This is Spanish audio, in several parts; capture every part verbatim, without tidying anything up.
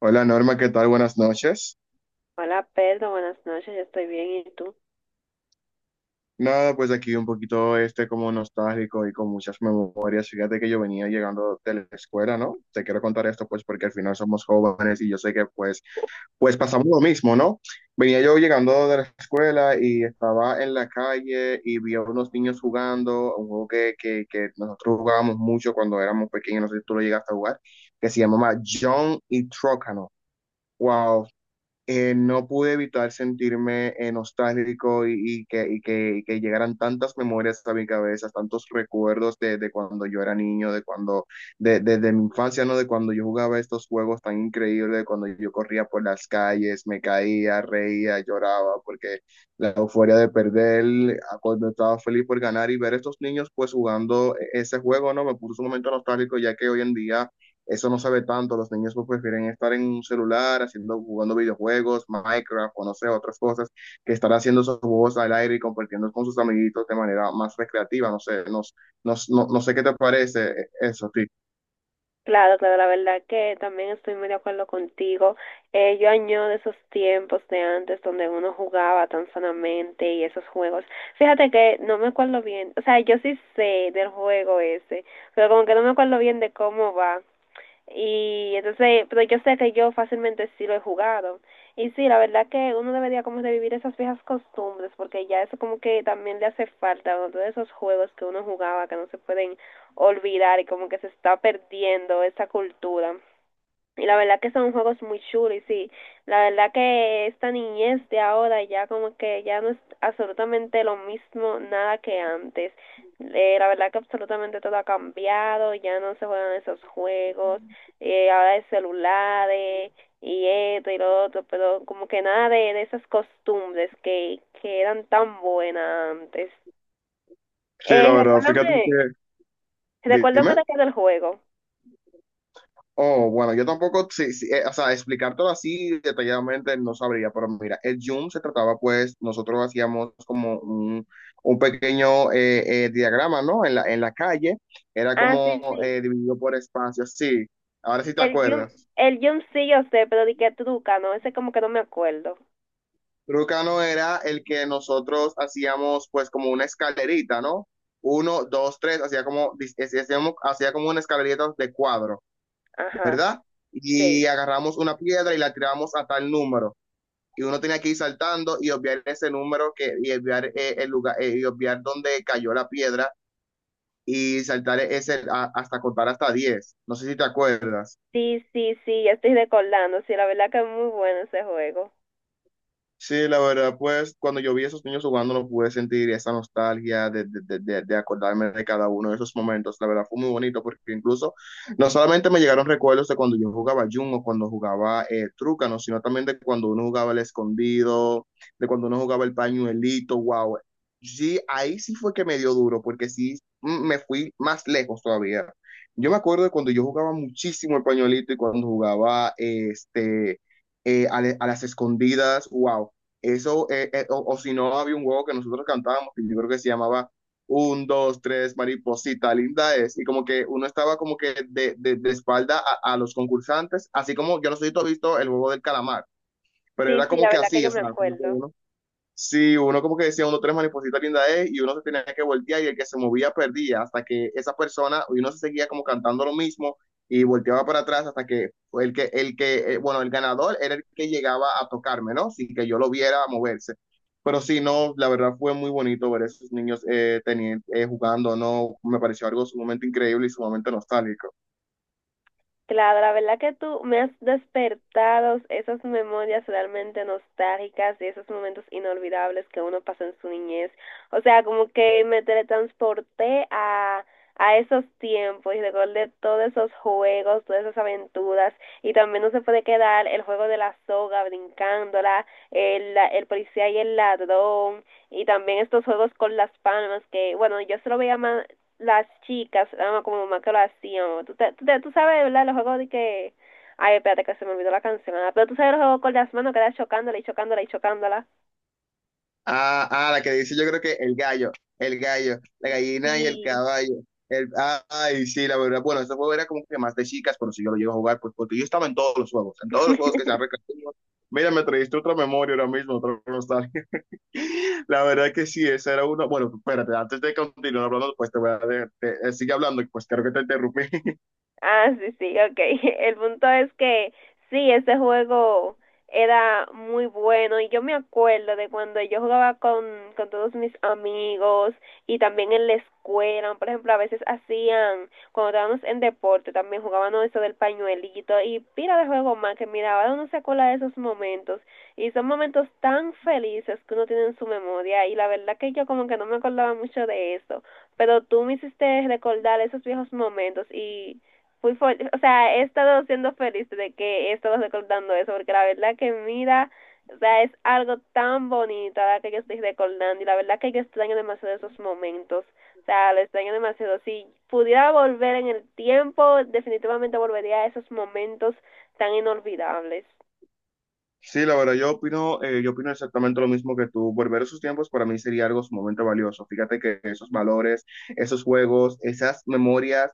Hola Norma, ¿qué tal? Buenas noches. Hola Pedro, buenas noches, yo estoy bien, ¿y tú? Nada, pues aquí un poquito este como nostálgico y con muchas memorias. Fíjate que yo venía llegando de la escuela, ¿no? Te quiero contar esto pues porque al final somos jóvenes y yo sé que pues pues pasamos lo mismo, ¿no? Venía yo llegando de la escuela y estaba en la calle y vi a unos niños jugando, un juego que, que, que nosotros jugábamos mucho cuando éramos pequeños, no sé si tú lo llegaste a jugar, que se llamaba John y Trócano. Wow, eh, no pude evitar sentirme eh, nostálgico y, y que, y que, y que llegaran tantas memorias a mi cabeza, tantos recuerdos de, de cuando yo era niño, de cuando, de, de- de mi infancia, ¿no? De cuando yo jugaba estos juegos tan increíbles, de cuando yo corría por las calles, me caía, reía, lloraba, porque la euforia de perder, a cuando estaba feliz por ganar y ver estos niños pues jugando e-, ese juego, ¿no? Me puso un momento nostálgico, ya que hoy en día eso no sabe tanto, los niños pues prefieren estar en un celular haciendo, jugando videojuegos, Minecraft o no sé, otras cosas, que estar haciendo esos juegos al aire y compartiendo con sus amiguitos de manera más recreativa, no sé, no, no, no, no sé qué te parece eso, sí. Claro, claro, la verdad que también estoy muy de acuerdo contigo. Eh, yo añoro esos tiempos de antes donde uno jugaba tan sanamente y esos juegos. Fíjate que no me acuerdo bien, o sea, yo sí sé del juego ese, pero como que no me acuerdo bien de cómo va. Y entonces, pero yo sé que yo fácilmente sí lo he jugado. Y sí, la verdad que uno debería como revivir esas viejas costumbres, porque ya eso como que también le hace falta, ¿no? Todos esos juegos que uno jugaba, que no se pueden olvidar y como que se está perdiendo esa cultura. Y la verdad que son juegos muy chulos, y sí, la verdad que esta niñez de ahora ya como que ya no es absolutamente lo mismo nada que antes. Eh, la verdad que absolutamente todo ha cambiado, ya no se juegan esos juegos, eh, ahora es celulares y esto y lo otro, pero como que nada de, de esas costumbres que, que eran tan buenas antes. Sí, la Eh, verdad, fíjate recuérdame, que, recuérdame dime. de qué del juego. Oh, bueno, yo tampoco, sí, sí, eh, o sea, explicártelo así detalladamente no sabría, pero mira, el Zoom se trataba, pues, nosotros hacíamos como un, un pequeño eh, eh, diagrama, ¿no? En la, en la calle, era Ah, sí, como eh, sí. dividido por espacios, sí, ahora sí te El Jun, acuerdas. el Jun sí yo sé, pero di que truca, ¿no? Ese como que no me acuerdo. Trucano era el que nosotros hacíamos, pues, como una escalerita, ¿no? Uno, dos, tres, hacía como, dis- hacíamos- hacía como una escalerita de cuadro, Ajá, ¿verdad? sí. Y agarramos una piedra y la tiramos a tal número. Y uno tenía que ir saltando y obviar ese número que, y obviar eh, el lugar eh, y obviar dónde cayó la piedra y saltar ese a- hasta contar hasta diez. No sé si te acuerdas. Sí, sí, sí, ya estoy recordando. Sí, la verdad que es muy bueno ese juego. Sí, la verdad, pues cuando yo vi a esos niños jugando, no pude sentir esa nostalgia de, de, de, de- de acordarme de cada uno de esos momentos. La verdad, fue muy bonito porque incluso no solamente me llegaron recuerdos de cuando yo jugaba Jumbo, cuando jugaba eh, Trucano, sino también de cuando uno jugaba el escondido, de cuando uno jugaba el pañuelito, wow. Sí, ahí sí fue que me dio duro porque sí mm, me fui más lejos todavía. Yo me acuerdo de cuando yo jugaba muchísimo el pañuelito y cuando jugaba eh, este eh, a, le- a las escondidas, wow, eso, eh, eh, o, o si no, había un juego que nosotros cantábamos, que yo creo que se llamaba un, dos, tres, mariposita, linda es. Y como que uno estaba como que de, de, de espalda a, a, los concursantes, así como yo no sé si tú has visto el juego del calamar, pero Sí, era sí, como la que verdad que así, yo o me sea, como que acuerdo. uno. Sí, uno como que decía, uno tres mariposita linda es, y uno se tenía que voltear y el que se movía perdía, hasta que esa persona, y uno se seguía como cantando lo mismo y volteaba para atrás hasta que fue el que, el que, eh, bueno, el ganador era el que llegaba a tocarme, ¿no? Sin que yo lo viera moverse. Pero sí, no, la verdad fue muy bonito ver a esos niños eh, teni- eh, jugando, ¿no? Me pareció algo sumamente increíble y sumamente nostálgico. Claro, la verdad que tú me has despertado esas memorias realmente nostálgicas y esos momentos inolvidables que uno pasa en su niñez. O sea, como que me teletransporté a, a esos tiempos y recordé todos esos juegos, todas esas aventuras. Y también no se puede quedar el juego de la soga brincándola, el, la- el policía y el ladrón, y también estos juegos con las palmas que, bueno, yo se lo veía más, las chicas, ah, como mamá que lo hacían. Tú, te- tú, te- tú sabes, ¿verdad? Los juegos de que. Ay, espérate que se me olvidó la canción. ah, Pero tú sabes los juegos con las manos que era chocándola y chocándola y chocándola. Ah, ah, la que dice yo creo que el gallo, el gallo, la gallina y el Y. caballo. El, ah, ay, sí, la verdad. Bueno, este juego era como que más de chicas, pero si yo lo llevo a jugar, pues porque yo estaba en todos los juegos, en todos los juegos que se han recreado. Mira, me trajiste otra memoria ahora mismo, otra nostalgia. La verdad que sí, esa era una. Bueno, espérate, antes de continuar hablando, pues te voy a. De- te- sigue hablando, pues creo que te interrumpí. Ah, sí, sí, ok. El punto es que sí, ese juego era muy bueno y yo me acuerdo de cuando yo jugaba con, con todos mis amigos y también en la escuela, por ejemplo, a veces hacían, cuando estábamos en deporte, también jugábamos eso del pañuelito y pila de juego más que mira, ahora uno se acuerda de esos momentos y son momentos tan felices que uno tiene en su memoria y la verdad que yo como que no me acordaba mucho de eso, pero tú me hiciste recordar esos viejos momentos y fui fuerte, o sea, he estado siendo feliz de que he estado recordando eso, porque la verdad que mira, o sea, es algo tan bonito la que yo estoy recordando y la verdad que yo extraño demasiado esos momentos. O sea, lo extraño demasiado. Si pudiera volver en el tiempo, definitivamente volvería a esos momentos tan inolvidables. Sí, la verdad, yo opino, eh, yo opino exactamente lo mismo que tú. Volver a esos tiempos para mí sería algo sumamente valioso. Fíjate que esos valores, esos juegos, esas memorias,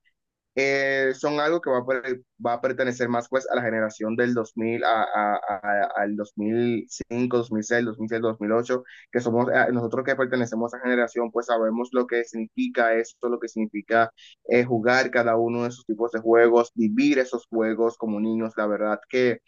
eh, son algo que va a, per- va a pertenecer más pues a la generación del dos mil a, a- a- al dos mil cinco, dos mil seis, dos mil siete, dos mil ocho, que somos, eh, nosotros que pertenecemos a esa generación, pues sabemos lo que significa esto, lo que significa eh, jugar cada uno de esos tipos de juegos, vivir esos juegos como niños, la verdad que.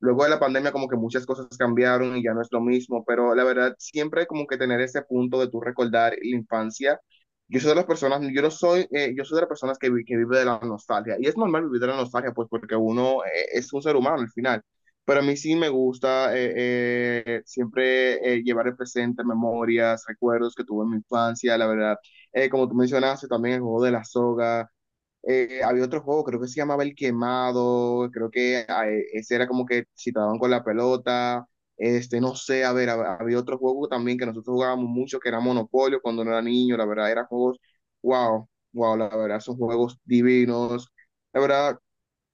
Luego de la pandemia como que muchas cosas cambiaron y ya no es lo mismo, pero la verdad siempre como que tener ese punto de tú recordar la infancia. Yo soy de las personas, yo no soy, eh, yo soy de las personas que, vi- que vive de la nostalgia y es normal vivir de la nostalgia pues porque uno eh, es un ser humano al final. Pero a mí sí me gusta eh, eh, siempre eh, llevar el presente, memorias, recuerdos que tuve en mi infancia, la verdad. Eh, como tú mencionaste, también el juego de la soga, eh, había otro juego, creo que se llamaba El Quemado, creo que ah, eh, ese era como que si te daban con la pelota, este, no sé, a ver, hab- había otro juego también que nosotros jugábamos mucho, que era Monopolio cuando no era niño, la verdad, eran juegos, wow, wow, la verdad, son juegos divinos, la verdad,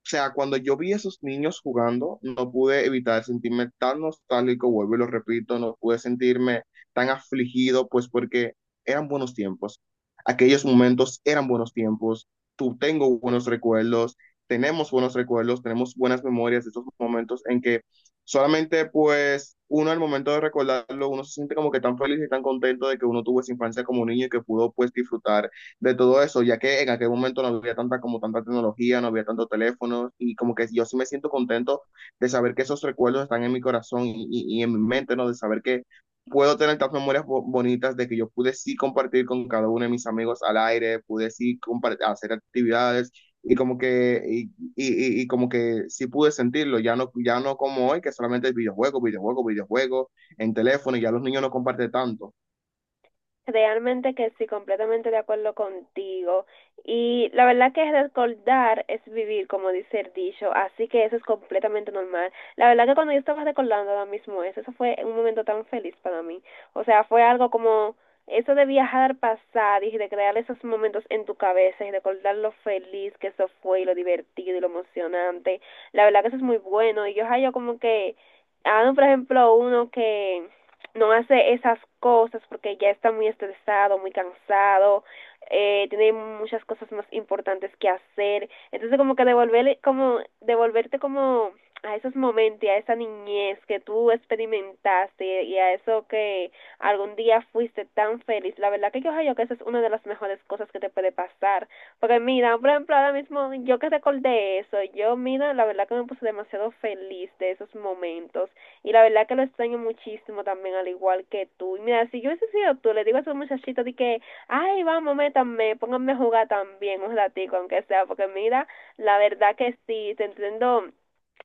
o sea, cuando yo vi a esos niños jugando, no pude evitar sentirme tan nostálgico, vuelvo y lo repito, no pude sentirme tan afligido, pues porque eran buenos tiempos. Aquellos momentos eran buenos tiempos. Tú Tengo buenos recuerdos, tenemos buenos recuerdos, tenemos buenas memorias de esos momentos en que solamente pues uno al momento de recordarlo, uno se siente como que tan feliz y tan contento de que uno tuvo esa infancia como niño y que pudo pues disfrutar de todo eso, ya que en aquel momento no había tanta como tanta tecnología, no había tantos teléfonos y como que yo sí me siento contento de saber que esos recuerdos están en mi corazón y, y, y en mi mente, ¿no? De saber que puedo tener tantas memorias bo- bonitas de que yo pude sí compartir con cada uno de mis amigos al aire, pude sí compar- hacer actividades y como que y, y- y- y como que sí pude sentirlo, ya no ya no como hoy que solamente es videojuego, videojuego, videojuego en teléfono y ya los niños no comparten tanto. Realmente que sí, completamente de acuerdo contigo. Y la verdad que recordar es vivir, como dice el dicho, así que eso es completamente normal. La verdad que cuando yo estaba recordando ahora mismo eso, eso fue un momento tan feliz para mí. O sea, fue algo como eso de viajar, pasar y de crear esos momentos en tu cabeza y recordar lo feliz que eso fue y lo divertido y lo emocionante. La verdad que eso es muy bueno. Y yo, ay, yo como que, ah, por ejemplo, uno que no hace esas cosas porque ya está muy estresado, muy cansado, eh, tiene muchas cosas más importantes que hacer. Entonces como que devolverle, como devolverte como a esos momentos, y a esa niñez que tú experimentaste y a eso que algún día fuiste tan feliz. La verdad que yo creo que esa es una de las mejores cosas que te puede pasar. Porque mira, por ejemplo, ahora mismo yo que recordé eso, yo mira, la verdad que me puse demasiado feliz de esos momentos. Y la verdad que lo extraño muchísimo también, al igual que tú. Y mira, si yo hubiese sido tú, le digo a esos muchachitos de que, ay, vamos, métanme, pónganme a jugar también un ratico, aunque sea, porque mira, la verdad que sí, te entiendo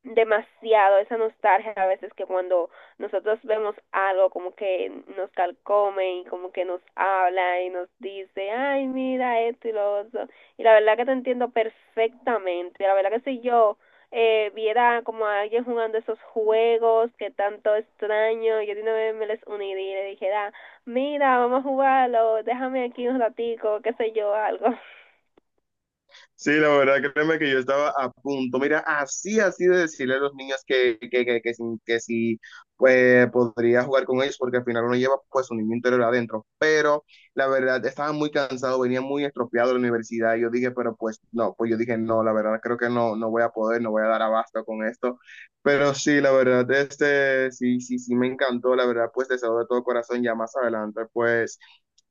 demasiado esa nostalgia a veces que cuando nosotros vemos algo como que nos calcome y como que nos habla y nos dice, ay, mira esto y lo otro. Y la verdad que te entiendo perfectamente. La verdad que si yo eh, viera como a alguien jugando esos juegos que tanto extraño, yo de una vez me les uniría y le dijera, mira, vamos a jugarlo, déjame aquí un ratico, qué sé yo, algo. Sí, la verdad, créeme que yo estaba a punto. Mira, así, así de decirle a los niños que, que, que, que, si- que si, pues, podría jugar con ellos, porque al final uno lleva pues su niño interior adentro. Pero la verdad, estaba muy cansado, venía muy estropeado de la universidad. Y yo dije, pero pues no, pues yo dije, no, la verdad, creo que no, no voy a poder, no voy a dar abasto con esto. Pero sí, la verdad, este, sí, sí, sí, me encantó, la verdad, pues deseo de todo corazón, ya más adelante, pues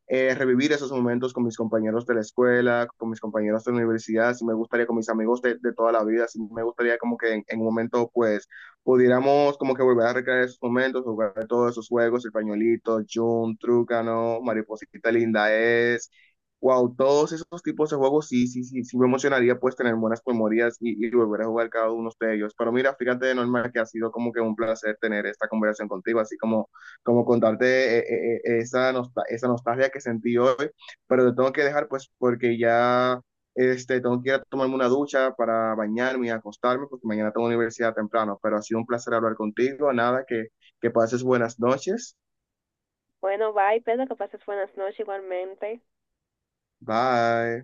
eh, revivir esos momentos con mis compañeros de la escuela, con mis compañeros de la universidad, si me gustaría con mis amigos de, de toda la vida, si me gustaría como que en, en, un momento pues pudiéramos como que volver a recrear esos momentos, jugar todos esos juegos, el pañuelito, Jun, Trucano, Mariposita Linda es, wow, todos esos tipos de juegos sí, sí, sí, sí me emocionaría pues tener buenas memorias y, y, volver a jugar cada uno de ellos. Pero mira, fíjate de normal que ha sido como que un placer tener esta conversación contigo, así como como contarte eh, eh, eh, esa, nostal- esa nostalgia que sentí hoy, pero te tengo que dejar pues porque ya este, tengo que ir a tomarme una ducha para bañarme y acostarme porque mañana tengo universidad temprano, pero ha sido un placer hablar contigo, nada, que, que pases buenas noches, Bueno, bye, Pedro, que pases buenas noches igualmente. bye.